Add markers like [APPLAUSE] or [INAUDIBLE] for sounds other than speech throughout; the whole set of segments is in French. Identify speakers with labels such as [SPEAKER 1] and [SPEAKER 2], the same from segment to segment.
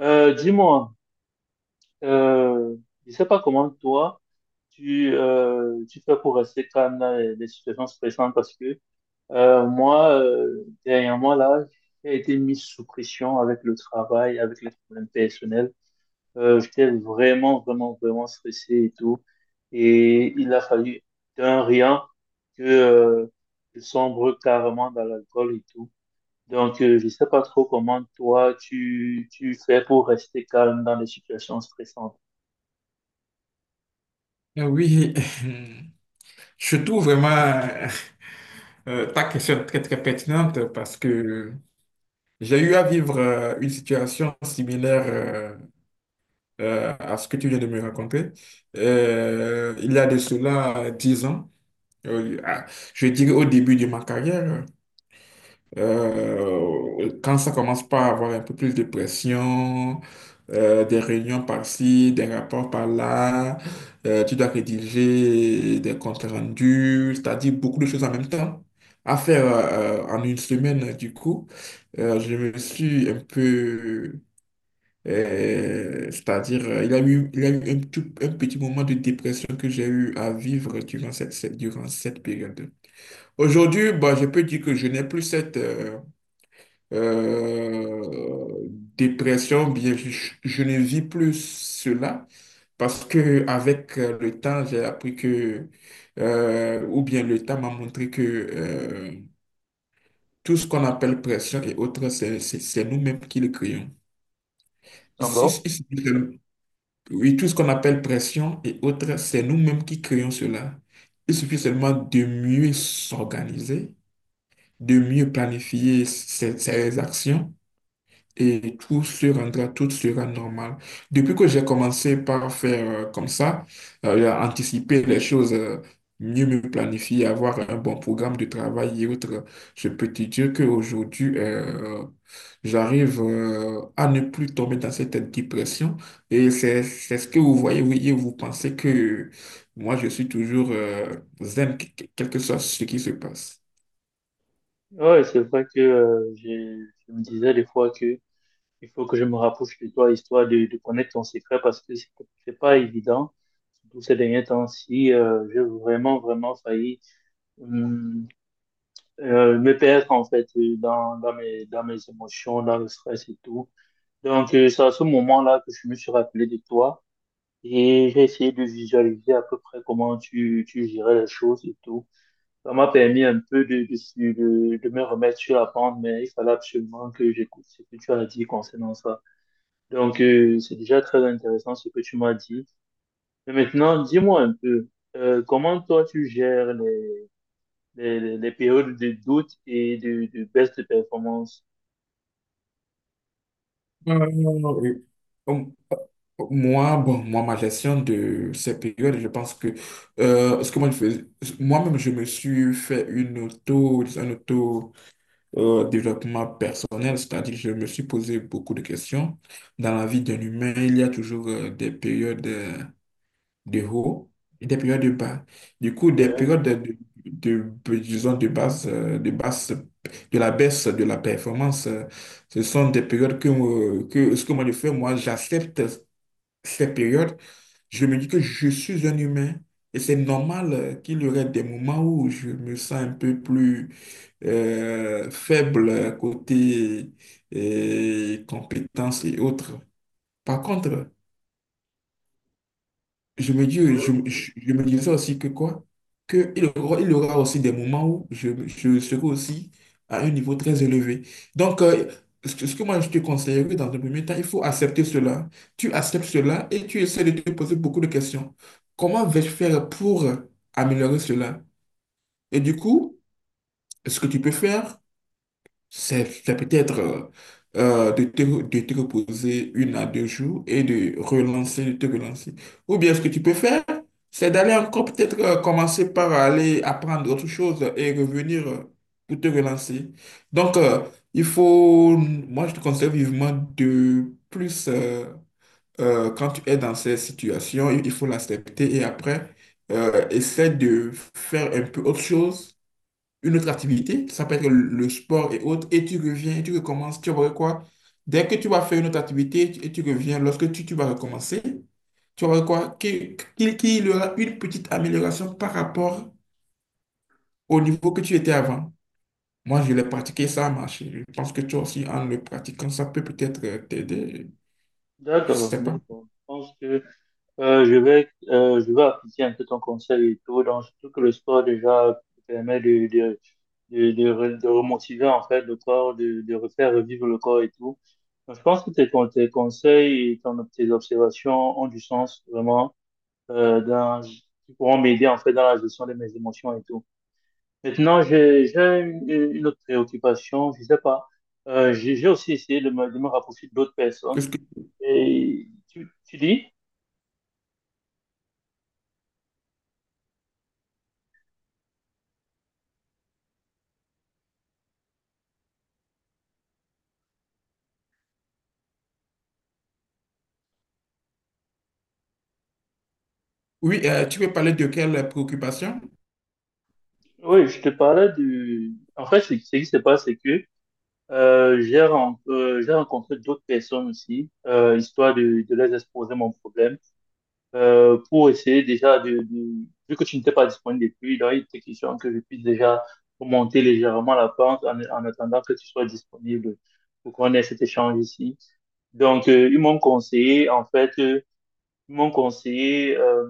[SPEAKER 1] Euh, dis-moi, euh, je sais pas comment toi tu fais pour rester calme dans les situations stressantes parce que moi dernièrement là j'ai été mis sous pression avec le travail, avec les problèmes personnels. J'étais vraiment vraiment vraiment stressé et tout et il a fallu d'un rien que je sombre carrément dans l'alcool et tout. Donc, je sais pas trop comment toi tu fais pour rester calme dans les situations stressantes.
[SPEAKER 2] Oui, [LAUGHS] je trouve vraiment ta question très très pertinente parce que j'ai eu à vivre une situation similaire à ce que tu viens de me raconter. Il y a de cela 10 ans, euh, à- je dirais au début de ma carrière. Quand ça commence pas à avoir un peu plus de pression, des réunions par-ci, des rapports par-là, tu dois rédiger des comptes rendus, c'est-à-dire beaucoup de choses en même temps à faire en une semaine. Du coup, je me suis un peu, c'est-à-dire, il y a eu un petit moment de dépression que j'ai eu à vivre durant durant cette période. Aujourd'hui, bah, je peux dire que je n'ai plus cette... euh, dépression, bien, je ne vis plus cela parce que avec le temps, j'ai appris que, ou bien le temps m'a montré que tout ce qu'on appelle pression et autres, c'est nous-mêmes qui le créons.
[SPEAKER 1] Ah
[SPEAKER 2] Si-
[SPEAKER 1] bon?
[SPEAKER 2] si- si- Oui, tout ce qu'on appelle pression et autres, c'est nous-mêmes qui créons cela. Il suffit seulement de mieux s'organiser, de mieux planifier ses actions et tout se rendra, tout sera normal. Depuis que j'ai commencé par faire comme ça, à anticiper les choses, mieux me planifier, avoir un bon programme de travail et autres, je peux te dire qu'aujourd'hui, j'arrive à ne plus tomber dans cette dépression. Et c'est ce que vous voyez, vous voyez, vous pensez que moi, je suis toujours zen, quel que soit ce qui se passe.
[SPEAKER 1] Ouais, c'est vrai que je me disais des fois que il faut que je me rapproche de toi, histoire de connaître ton secret, parce que c'est pas évident, surtout ces derniers temps-ci, j'ai vraiment, vraiment failli hum, me perdre, en fait, dans mes émotions, dans le stress et tout. Donc, c'est à ce moment-là que je me suis rappelé de toi. Et j'ai essayé de visualiser à peu près comment tu gérais les choses et tout. Ça m'a permis un peu de me remettre sur la pente, mais il fallait absolument que j'écoute ce que tu as dit concernant ça. Donc, c'est déjà très intéressant ce que tu m'as dit. Mais maintenant, dis-moi un peu, comment toi tu gères les périodes de doute et de baisse de performance?
[SPEAKER 2] Euh, Moi, bon, moi, ma gestion de ces périodes, je pense que ce que moi je faisais, moi-même, je me suis fait un auto développement personnel, c'est-à-dire que je me suis posé beaucoup de questions. Dans la vie d'un humain, il y a toujours des périodes de haut et des périodes de bas. Du coup, des
[SPEAKER 1] Ouais.
[SPEAKER 2] périodes disons, de basse, de la baisse de la performance, ce sont des périodes que ce que moi je fais, moi, j'accepte ces périodes. Je me dis que je suis un humain et c'est normal qu'il y aurait des moments où je me sens un peu plus faible côté compétences et autres. Par contre, je me disais aussi que quoi? Que il aura aussi des moments où je serai aussi à un niveau très élevé. Donc, ce que moi je te conseillerais dans un premier temps, il faut accepter cela. Tu acceptes cela et tu essaies de te poser beaucoup de questions. Comment vais-je faire pour améliorer cela? Et du coup, ce que tu peux faire, c'est peut-être de te reposer 1 à 2 jours et de te relancer. Ou bien ce que tu peux faire, c'est d'aller encore peut-être commencer par aller apprendre autre chose et revenir pour te relancer. Donc, moi je te conseille vivement de plus, euh, quand tu es dans ces situations, il faut l'accepter et après, essaie de faire un peu autre chose, une autre activité, ça peut être le sport et autres, et tu reviens, et tu recommences, tu vas quoi? Dès que tu vas faire une autre activité et tu reviens, lorsque tu vas recommencer, tu vas voir quoi? Qu'il y aura une petite amélioration par rapport au niveau que tu étais avant. Moi, je l'ai pratiqué, ça a marché. Je pense que toi aussi, en le pratiquant, ça peut peut-être t'aider. Je
[SPEAKER 1] D'accord,
[SPEAKER 2] sais pas.
[SPEAKER 1] d'accord. Je pense que je vais appliquer un peu ton conseil et tout. Donc, surtout que le sport déjà permet de remotiver en fait le corps, de refaire revivre le corps et tout. Donc, je pense que tes conseils et tes observations ont du sens vraiment, euh, dans, qui pourront m'aider en fait dans la gestion de mes émotions et tout. Maintenant, j'ai une autre préoccupation, je sais pas. J'ai aussi essayé de me rapprocher d'autres personnes.
[SPEAKER 2] Qu'est-ce que-
[SPEAKER 1] Et tu dis?
[SPEAKER 2] Oui, tu veux parler de quelle préoccupation?
[SPEAKER 1] Oui, je te parlais du... En fait, ce qui se passe, c'est que j'ai rencontré d'autres personnes aussi, histoire de les exposer mon problème, pour essayer déjà de... Vu que tu n'étais pas disponible depuis, donc il était question que je puisse déjà monter légèrement la pente en attendant que tu sois disponible pour qu'on ait cet échange ici. Donc, ils m'ont conseillé, en fait, ils m'ont conseillé... Euh,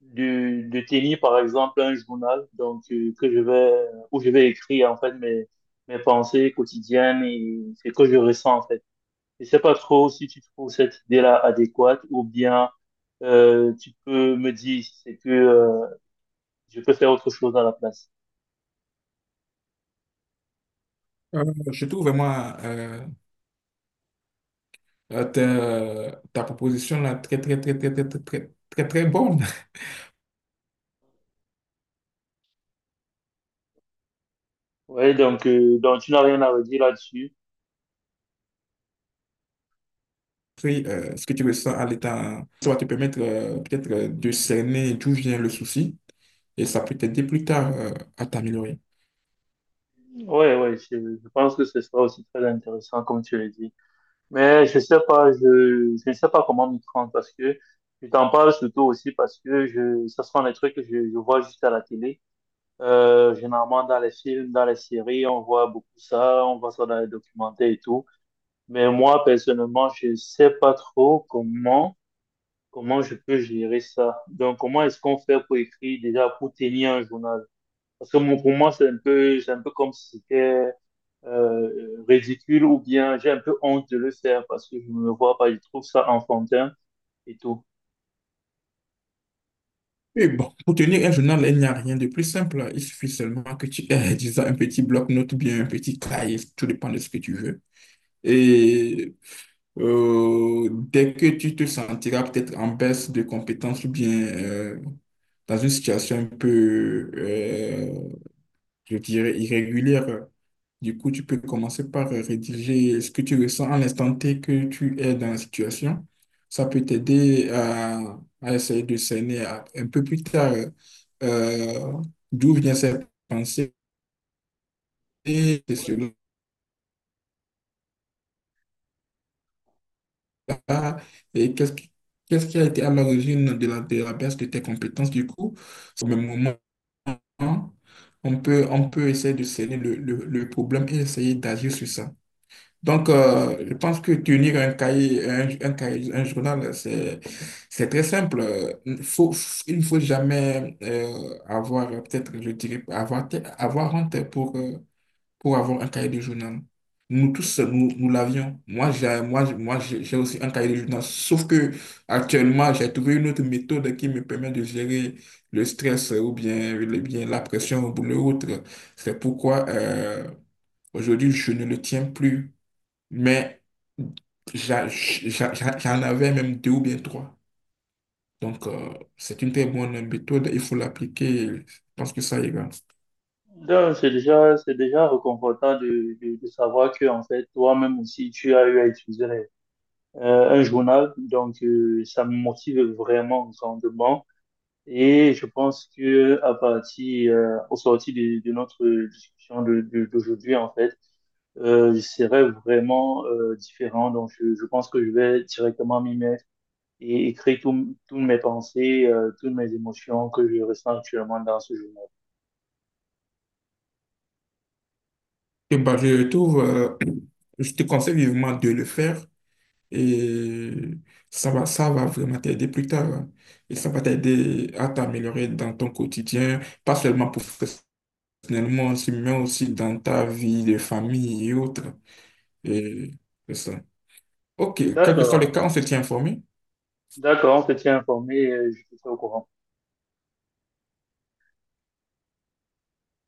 [SPEAKER 1] de, de tenir par exemple un journal donc que je vais où je vais écrire en fait mes pensées quotidiennes et ce que je ressens en fait. Je sais pas trop si tu trouves cette idée-là adéquate ou bien tu peux me dire si c'est que je peux faire autre chose à la place.
[SPEAKER 2] Euh, je trouve vraiment ta proposition là, très, très, très, très, très, très, très, très, très bonne.
[SPEAKER 1] Ouais, donc tu n'as rien à redire là-dessus.
[SPEAKER 2] [LAUGHS] Puis, ce que tu ressens à l'état, ça va te permettre peut-être de cerner d'où vient le souci et ça peut t'aider plus tard à t'améliorer.
[SPEAKER 1] Ouais, ouais, je pense que ce sera aussi très intéressant comme tu l'as dit. Mais je sais pas, je ne sais pas comment m'y prendre parce que je t'en parle surtout aussi parce que je, ça sont des trucs que je vois juste à la télé. Généralement dans les films, dans les séries, on voit beaucoup ça, on voit ça dans les documentaires et tout. Mais moi, personnellement, je sais pas trop comment je peux gérer ça. Donc, comment est-ce qu'on fait pour écrire déjà, pour tenir un journal? Parce que pour moi, c'est un peu comme si c'était ridicule ou bien j'ai un peu honte de le faire parce que je me vois pas, je trouve ça enfantin et tout.
[SPEAKER 2] Et bon, pour tenir un journal, il n'y a rien de plus simple. Il suffit seulement que tu aies, [LAUGHS] disons, un petit bloc-notes ou bien un petit cahier, tout dépend de ce que tu veux. Et dès que tu te sentiras peut-être en baisse de compétences ou bien dans une situation un peu, je dirais, irrégulière, du coup, tu peux commencer par rédiger ce que tu ressens à l'instant T que tu es dans la situation. Ça peut t'aider à essayer de cerner un peu plus tard euh, d'où viennent ces pensées, et cela là, et qu'est-ce qui a été à l'origine de de la baisse de tes compétences du coup? Au même moment, on peut essayer de cerner le problème et essayer d'agir sur ça. Donc, je pense que tenir un cahier, un cahier, un journal, c'est très simple. Faut, il ne faut jamais avoir, peut-être, je dirais, avoir honte pour avoir un cahier de journal. Nous tous, nous, nous l'avions. Moi, j'ai aussi un cahier de journal. Sauf que actuellement, j'ai trouvé une autre méthode qui me permet de gérer le stress ou bien, bien la pression ou l'autre. C'est pourquoi aujourd'hui, je ne le tiens plus. Mais j'en avais même 2 ou bien 3. Donc, c'est une très bonne méthode. Il faut l'appliquer. Je pense que ça ira.
[SPEAKER 1] Donc, c'est déjà réconfortant de savoir que, en fait, toi-même aussi, tu as eu à utiliser un journal. Donc, ça me motive vraiment grandement. Et je pense que à partir, au sorti de notre discussion d'aujourd'hui, en fait, je serai vraiment différent. Donc, je pense que je vais directement m'y mettre et écrit toutes mes pensées, toutes mes émotions que je ressens actuellement dans ce journal.
[SPEAKER 2] Et bah, je te conseille vivement de le faire et ça va vraiment t'aider plus tard, hein. Et ça va t'aider à t'améliorer dans ton quotidien, pas seulement professionnellement, aussi, mais aussi dans ta vie de famille et autres. Et c'est ça. OK, quel que soit le
[SPEAKER 1] D'accord,
[SPEAKER 2] cas, on se tient informé.
[SPEAKER 1] d'accord, on se tient informé, je te tiens au courant.